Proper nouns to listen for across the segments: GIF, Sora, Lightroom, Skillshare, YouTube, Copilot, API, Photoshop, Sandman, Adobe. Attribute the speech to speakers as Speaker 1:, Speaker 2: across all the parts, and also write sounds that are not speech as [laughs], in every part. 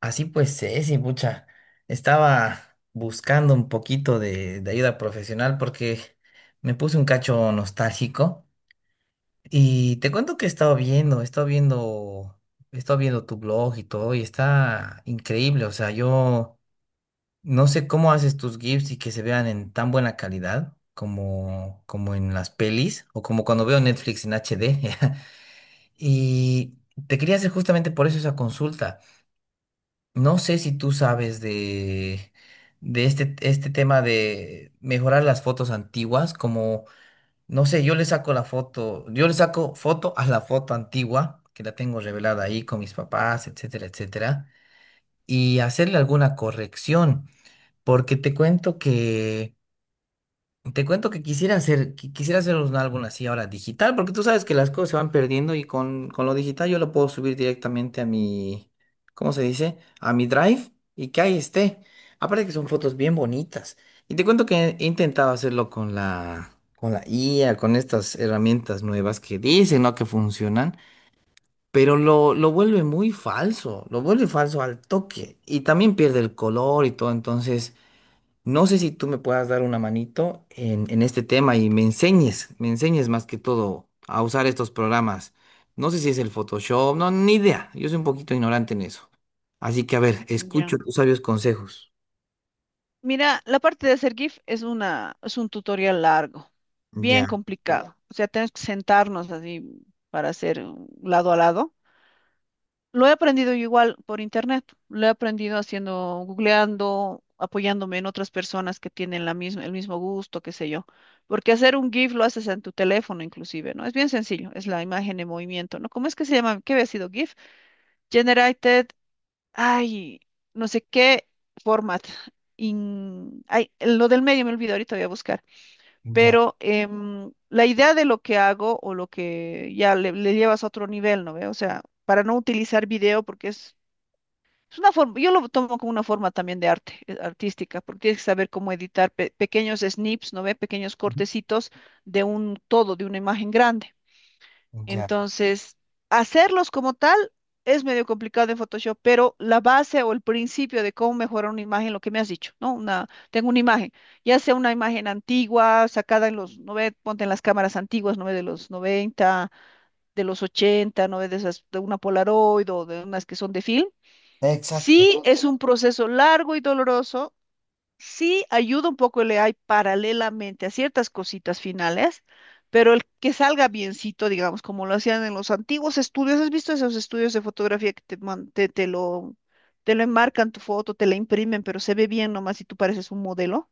Speaker 1: Así pues, Ceci, pucha, estaba buscando un poquito de ayuda profesional porque me puse un cacho nostálgico y te cuento que he estado viendo tu blog y todo y está increíble, o sea, yo no sé cómo haces tus GIFs y que se vean en tan buena calidad como en las pelis o como cuando veo Netflix en HD [laughs] y te quería hacer justamente por eso esa consulta. No sé si tú sabes de este tema de mejorar las fotos antiguas, como, no sé, yo le saco la foto, yo le saco foto a la foto antigua, que la tengo revelada ahí con mis papás, etcétera, etcétera, y hacerle alguna corrección, porque te cuento que quisiera hacer, quisiera hacer un álbum así ahora digital, porque tú sabes que las cosas se van perdiendo y con lo digital yo lo puedo subir directamente a mi, ¿cómo se dice? A mi Drive y que ahí esté. Aparte que son fotos bien bonitas. Y te cuento que he intentado hacerlo con con la IA, con estas herramientas nuevas que dicen, ¿no? Que funcionan, pero lo vuelve muy falso, lo vuelve falso al toque y también pierde el color y todo, entonces no sé si tú me puedas dar una manito en este tema y me enseñes más que todo a usar estos programas. No sé si es el Photoshop, no, ni idea. Yo soy un poquito ignorante en eso. Así que, a ver,
Speaker 2: Ya.
Speaker 1: escucho tus sabios consejos.
Speaker 2: Mira, la parte de hacer GIF es es un tutorial largo, bien
Speaker 1: Ya,
Speaker 2: complicado. O sea, tenemos que sentarnos así para hacer un lado a lado. Lo he aprendido yo igual por internet. Lo he aprendido haciendo, googleando, apoyándome en otras personas que tienen el mismo gusto, qué sé yo. Porque hacer un GIF lo haces en tu teléfono inclusive, ¿no? Es bien sencillo, es la imagen en movimiento, ¿no? ¿Cómo es que se llama? ¿Qué había sido GIF? Generated, Ay, no sé qué format. Lo del medio me olvidó, ahorita voy a buscar.
Speaker 1: ya,
Speaker 2: Pero la idea de lo que hago o lo que ya le llevas a otro nivel, ¿no ve? O sea, para no utilizar video porque es una forma, yo lo tomo como una forma también de arte, artística, porque tienes que saber cómo editar pequeños snips, ¿no ve? Pequeños
Speaker 1: ujú,
Speaker 2: cortecitos de un todo, de una imagen grande.
Speaker 1: ya.
Speaker 2: Entonces, hacerlos como tal es medio complicado en Photoshop, pero la base o el principio de cómo mejorar una imagen, lo que me has dicho, ¿no? Una, tengo una imagen, ya sea una imagen antigua, sacada en los 90, ponte en las cámaras antiguas, ¿no ve? De los 90, de los 80, ¿no ve? De esas, de una Polaroid o de unas que son de film.
Speaker 1: Exacto.
Speaker 2: Sí, es un proceso largo y doloroso, sí ayuda un poco el AI paralelamente a ciertas cositas finales, pero el que salga biencito, digamos, como lo hacían en los antiguos estudios, ¿has visto esos estudios de fotografía que te lo enmarcan tu foto, te la imprimen, pero se ve bien nomás y tú pareces un modelo?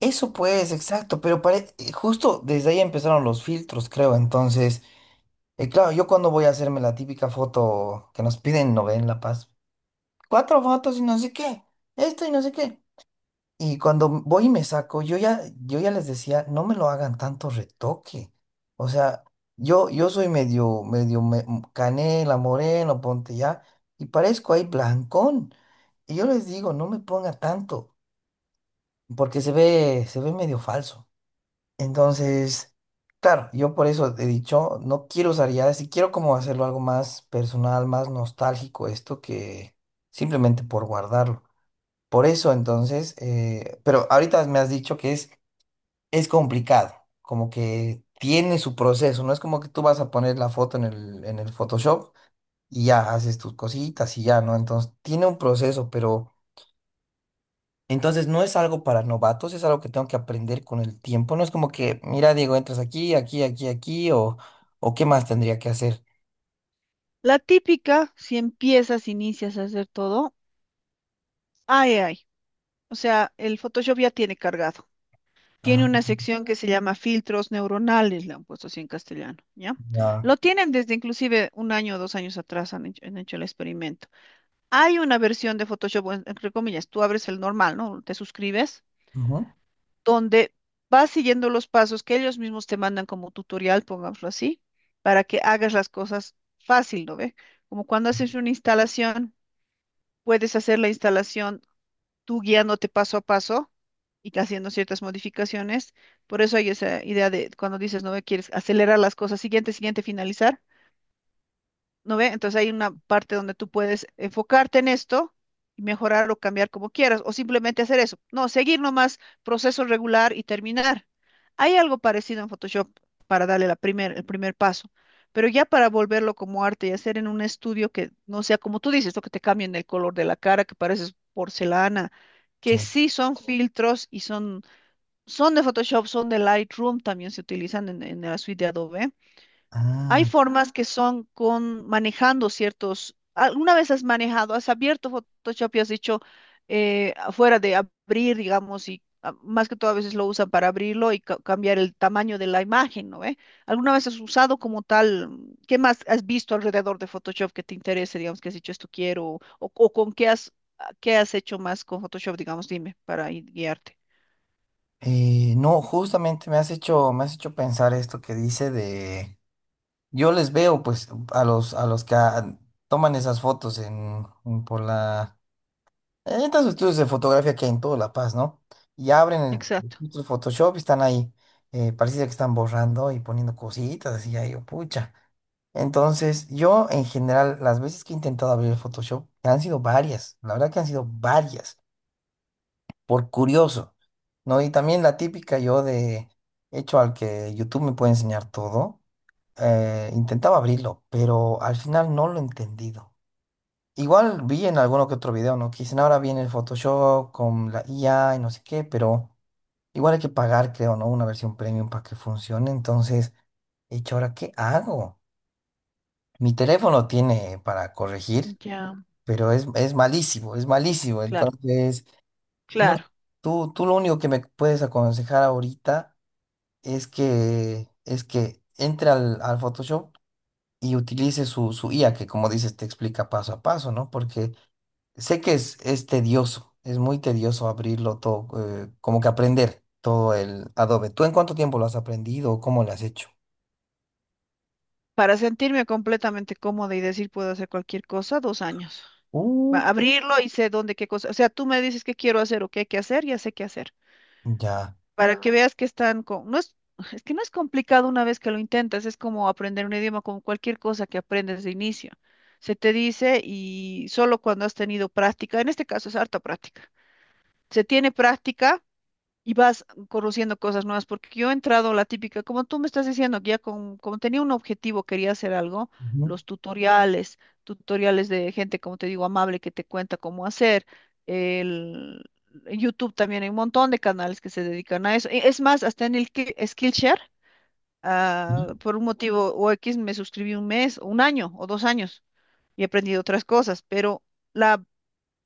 Speaker 1: Eso pues, exacto, pero justo desde ahí empezaron los filtros, creo. Entonces, claro, yo cuando voy a hacerme la típica foto que nos piden, no ven La Paz. Cuatro fotos y no sé qué. Esto y no sé qué. Y cuando voy y me saco, yo ya les decía, no me lo hagan tanto retoque. O sea, yo soy medio, canela, moreno, ponte ya, y parezco ahí blancón. Y yo les digo, no me ponga tanto, porque se ve medio falso. Entonces, claro, yo por eso he dicho, no quiero usar ya, si quiero como hacerlo algo más personal, más nostálgico, esto que simplemente por guardarlo. Por eso, entonces, pero ahorita me has dicho que es complicado, como que tiene su proceso, no es como que tú vas a poner la foto en en el Photoshop y ya haces tus cositas y ya, ¿no? Entonces, tiene un proceso, pero entonces no es algo para novatos, es algo que tengo que aprender con el tiempo, no es como que, mira, Diego, entras aquí, aquí, o qué más tendría que hacer.
Speaker 2: La típica, si empiezas, inicias a hacer todo, ay, ay, o sea, el Photoshop ya tiene cargado. Tiene
Speaker 1: Ah,
Speaker 2: una sección que se llama filtros neuronales, le han puesto así en castellano, ¿ya?
Speaker 1: ya.
Speaker 2: Lo tienen desde inclusive un año o dos años atrás, han hecho el experimento. Hay una versión de Photoshop, bueno, entre comillas, tú abres el normal, ¿no? Te suscribes,
Speaker 1: Ujú,
Speaker 2: donde vas siguiendo los pasos que ellos mismos te mandan como tutorial, pongámoslo así, para que hagas las cosas fácil, ¿no ve? Como cuando haces una instalación, puedes hacer la instalación tú guiándote paso a paso y haciendo ciertas modificaciones. Por eso hay esa idea de cuando dices, no me quieres acelerar las cosas, siguiente, siguiente, finalizar. ¿No ve? Entonces hay una parte donde tú puedes enfocarte en esto y mejorar o cambiar como quieras, o simplemente hacer eso. No, seguir nomás proceso regular y terminar. Hay algo parecido en Photoshop para darle la primer, el primer paso, pero ya para volverlo como arte y hacer en un estudio que no sea como tú dices, lo que te cambien el color de la cara, que pareces porcelana, que
Speaker 1: sí.
Speaker 2: sí son filtros y son, son de Photoshop, son de Lightroom, también se utilizan en la suite de Adobe. Hay
Speaker 1: Ah.
Speaker 2: formas que son con manejando ciertos. ¿Alguna vez has manejado, has abierto Photoshop y has dicho, afuera de abrir, digamos, y ah, más que todo a veces lo usan para abrirlo y cambiar el tamaño de la imagen, ¿no ve? ¿Alguna vez has usado como tal? ¿Qué más has visto alrededor de Photoshop que te interese, digamos, que has dicho esto quiero? O con qué has, ah, qué has hecho más con Photoshop, digamos, dime, para guiarte?
Speaker 1: No, justamente me has hecho pensar esto que dice de, yo les veo pues a a los que toman esas fotos en en estos estudios de fotografía que hay en toda La Paz, ¿no? Y abren el
Speaker 2: Exacto,
Speaker 1: filtro de Photoshop y están ahí, parece que están borrando y poniendo cositas así, ahí, yo, pucha. Entonces, yo en general, las veces que he intentado abrir el Photoshop, que han sido varias, la verdad que han sido varias por curioso, ¿no? Y también la típica yo de hecho al que YouTube me puede enseñar todo, intentaba abrirlo, pero al final no lo he entendido. Igual vi en alguno que otro video, ¿no? Que dicen ahora viene el Photoshop con la IA y no sé qué, pero igual hay que pagar, creo, ¿no? Una versión premium para que funcione. Entonces, hecho, ¿ahora qué hago? Mi teléfono tiene para corregir,
Speaker 2: ya,
Speaker 1: pero es malísimo, es malísimo.
Speaker 2: claro,
Speaker 1: Entonces, no,
Speaker 2: claro.
Speaker 1: tú lo único que me puedes aconsejar ahorita es que entre al Photoshop y utilice su IA, que como dices, te explica paso a paso, ¿no? Porque sé que es tedioso, es muy tedioso abrirlo todo, como que aprender todo el Adobe. ¿Tú en cuánto tiempo lo has aprendido o cómo lo has hecho?
Speaker 2: Para sentirme completamente cómoda y decir puedo hacer cualquier cosa, dos años.
Speaker 1: Uh,
Speaker 2: Va, abrirlo y sé dónde, qué cosa. O sea, tú me dices qué quiero hacer o qué hay que hacer, ya sé qué hacer.
Speaker 1: ya.
Speaker 2: Para que veas que están con... es que no es complicado una vez que lo intentas, es como aprender un idioma con cualquier cosa que aprendes de inicio. Se te dice y solo cuando has tenido práctica, en este caso es harta práctica. Se tiene práctica y vas conociendo cosas nuevas, porque yo he entrado la típica, como tú me estás diciendo, que ya con, como tenía un objetivo, quería hacer algo,
Speaker 1: Ujú,
Speaker 2: los tutoriales, tutoriales de gente, como te digo, amable que te cuenta cómo hacer, el, en YouTube también hay un montón de canales que se dedican a eso, es más, hasta en el Skillshare, ah,
Speaker 1: ujú,
Speaker 2: por un motivo o X me suscribí un mes, un año o dos años y he aprendido otras cosas, pero la,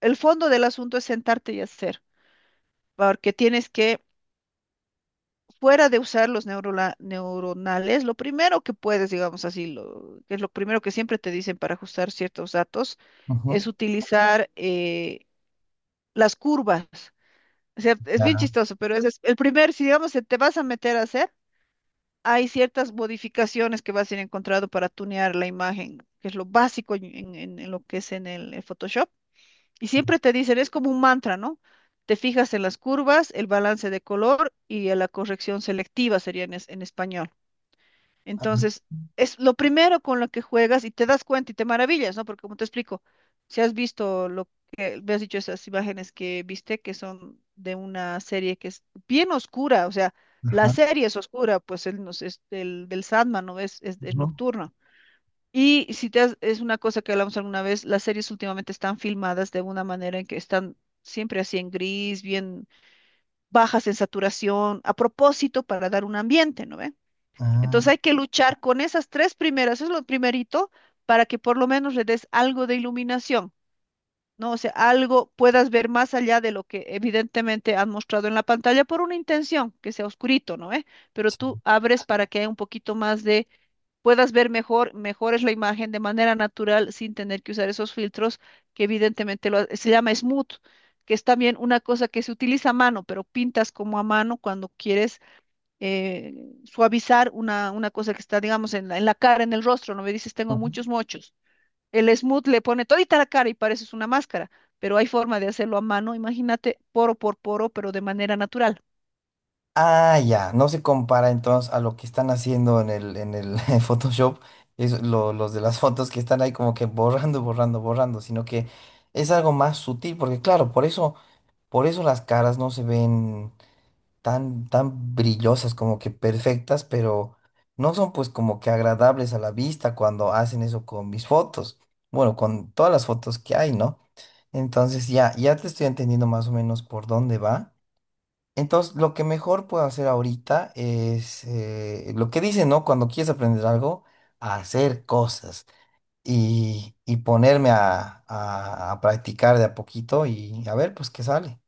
Speaker 2: el fondo del asunto es sentarte y hacer, porque tienes que fuera de usar los neuronales, lo primero que puedes, digamos así, lo, que es lo primero que siempre te dicen para ajustar ciertos datos, es
Speaker 1: ujú,
Speaker 2: utilizar las curvas. O sea, es bien
Speaker 1: ya.
Speaker 2: chistoso, pero ese es el primer, si digamos se te vas a meter a hacer, hay ciertas modificaciones que vas a ir encontrando para tunear la imagen, que es lo básico en, en lo que es en el Photoshop. Y siempre te dicen, es como un mantra, ¿no? Te fijas en las curvas, el balance de color y en la corrección selectiva sería en, en español.
Speaker 1: Ajá,
Speaker 2: Entonces, es lo primero con lo que juegas y te das cuenta y te maravillas, ¿no? Porque como te explico, si has visto lo que, me has dicho esas imágenes que viste, que son de una serie que es bien oscura, o sea, la
Speaker 1: ajá,
Speaker 2: serie es oscura, pues el, es del Sandman, ¿no? Es
Speaker 1: ujú,
Speaker 2: nocturna. Y si te es una cosa que hablamos alguna vez, las series últimamente están filmadas de una manera en que están siempre así en gris, bien bajas en saturación, a propósito para dar un ambiente, ¿no ve?
Speaker 1: ah,
Speaker 2: Entonces hay que luchar con esas tres primeras, eso es lo primerito, para que por lo menos le des algo de iluminación, ¿no? O sea, algo puedas ver más allá de lo que evidentemente han mostrado en la pantalla por una intención, que sea oscurito, ¿no? ¿Eh? Pero tú abres para que haya un poquito más de, puedas ver mejor, mejores la imagen de manera natural sin tener que usar esos filtros que evidentemente lo, se llama smooth, que es también una cosa que se utiliza a mano, pero pintas como a mano cuando quieres eh, suavizar una cosa que está, digamos, en la cara, en el rostro, no me dices,
Speaker 1: sí.
Speaker 2: tengo muchos mochos. El smooth le pone todita la cara y pareces una máscara, pero hay forma de hacerlo a mano, imagínate, poro por poro, pero de manera natural.
Speaker 1: Ah, ya, no se compara entonces a lo que están haciendo en en el [laughs] Photoshop, es los de las fotos que están ahí como que borrando, sino que es algo más sutil, porque claro, por eso las caras no se ven tan brillosas, como que perfectas, pero no son pues como que agradables a la vista cuando hacen eso con mis fotos, bueno, con todas las fotos que hay, ¿no? Entonces ya te estoy entendiendo más o menos por dónde va. Entonces, lo que mejor puedo hacer ahorita es lo que dicen, ¿no? Cuando quieres aprender algo, hacer cosas y ponerme a practicar de a poquito y a ver, pues qué sale.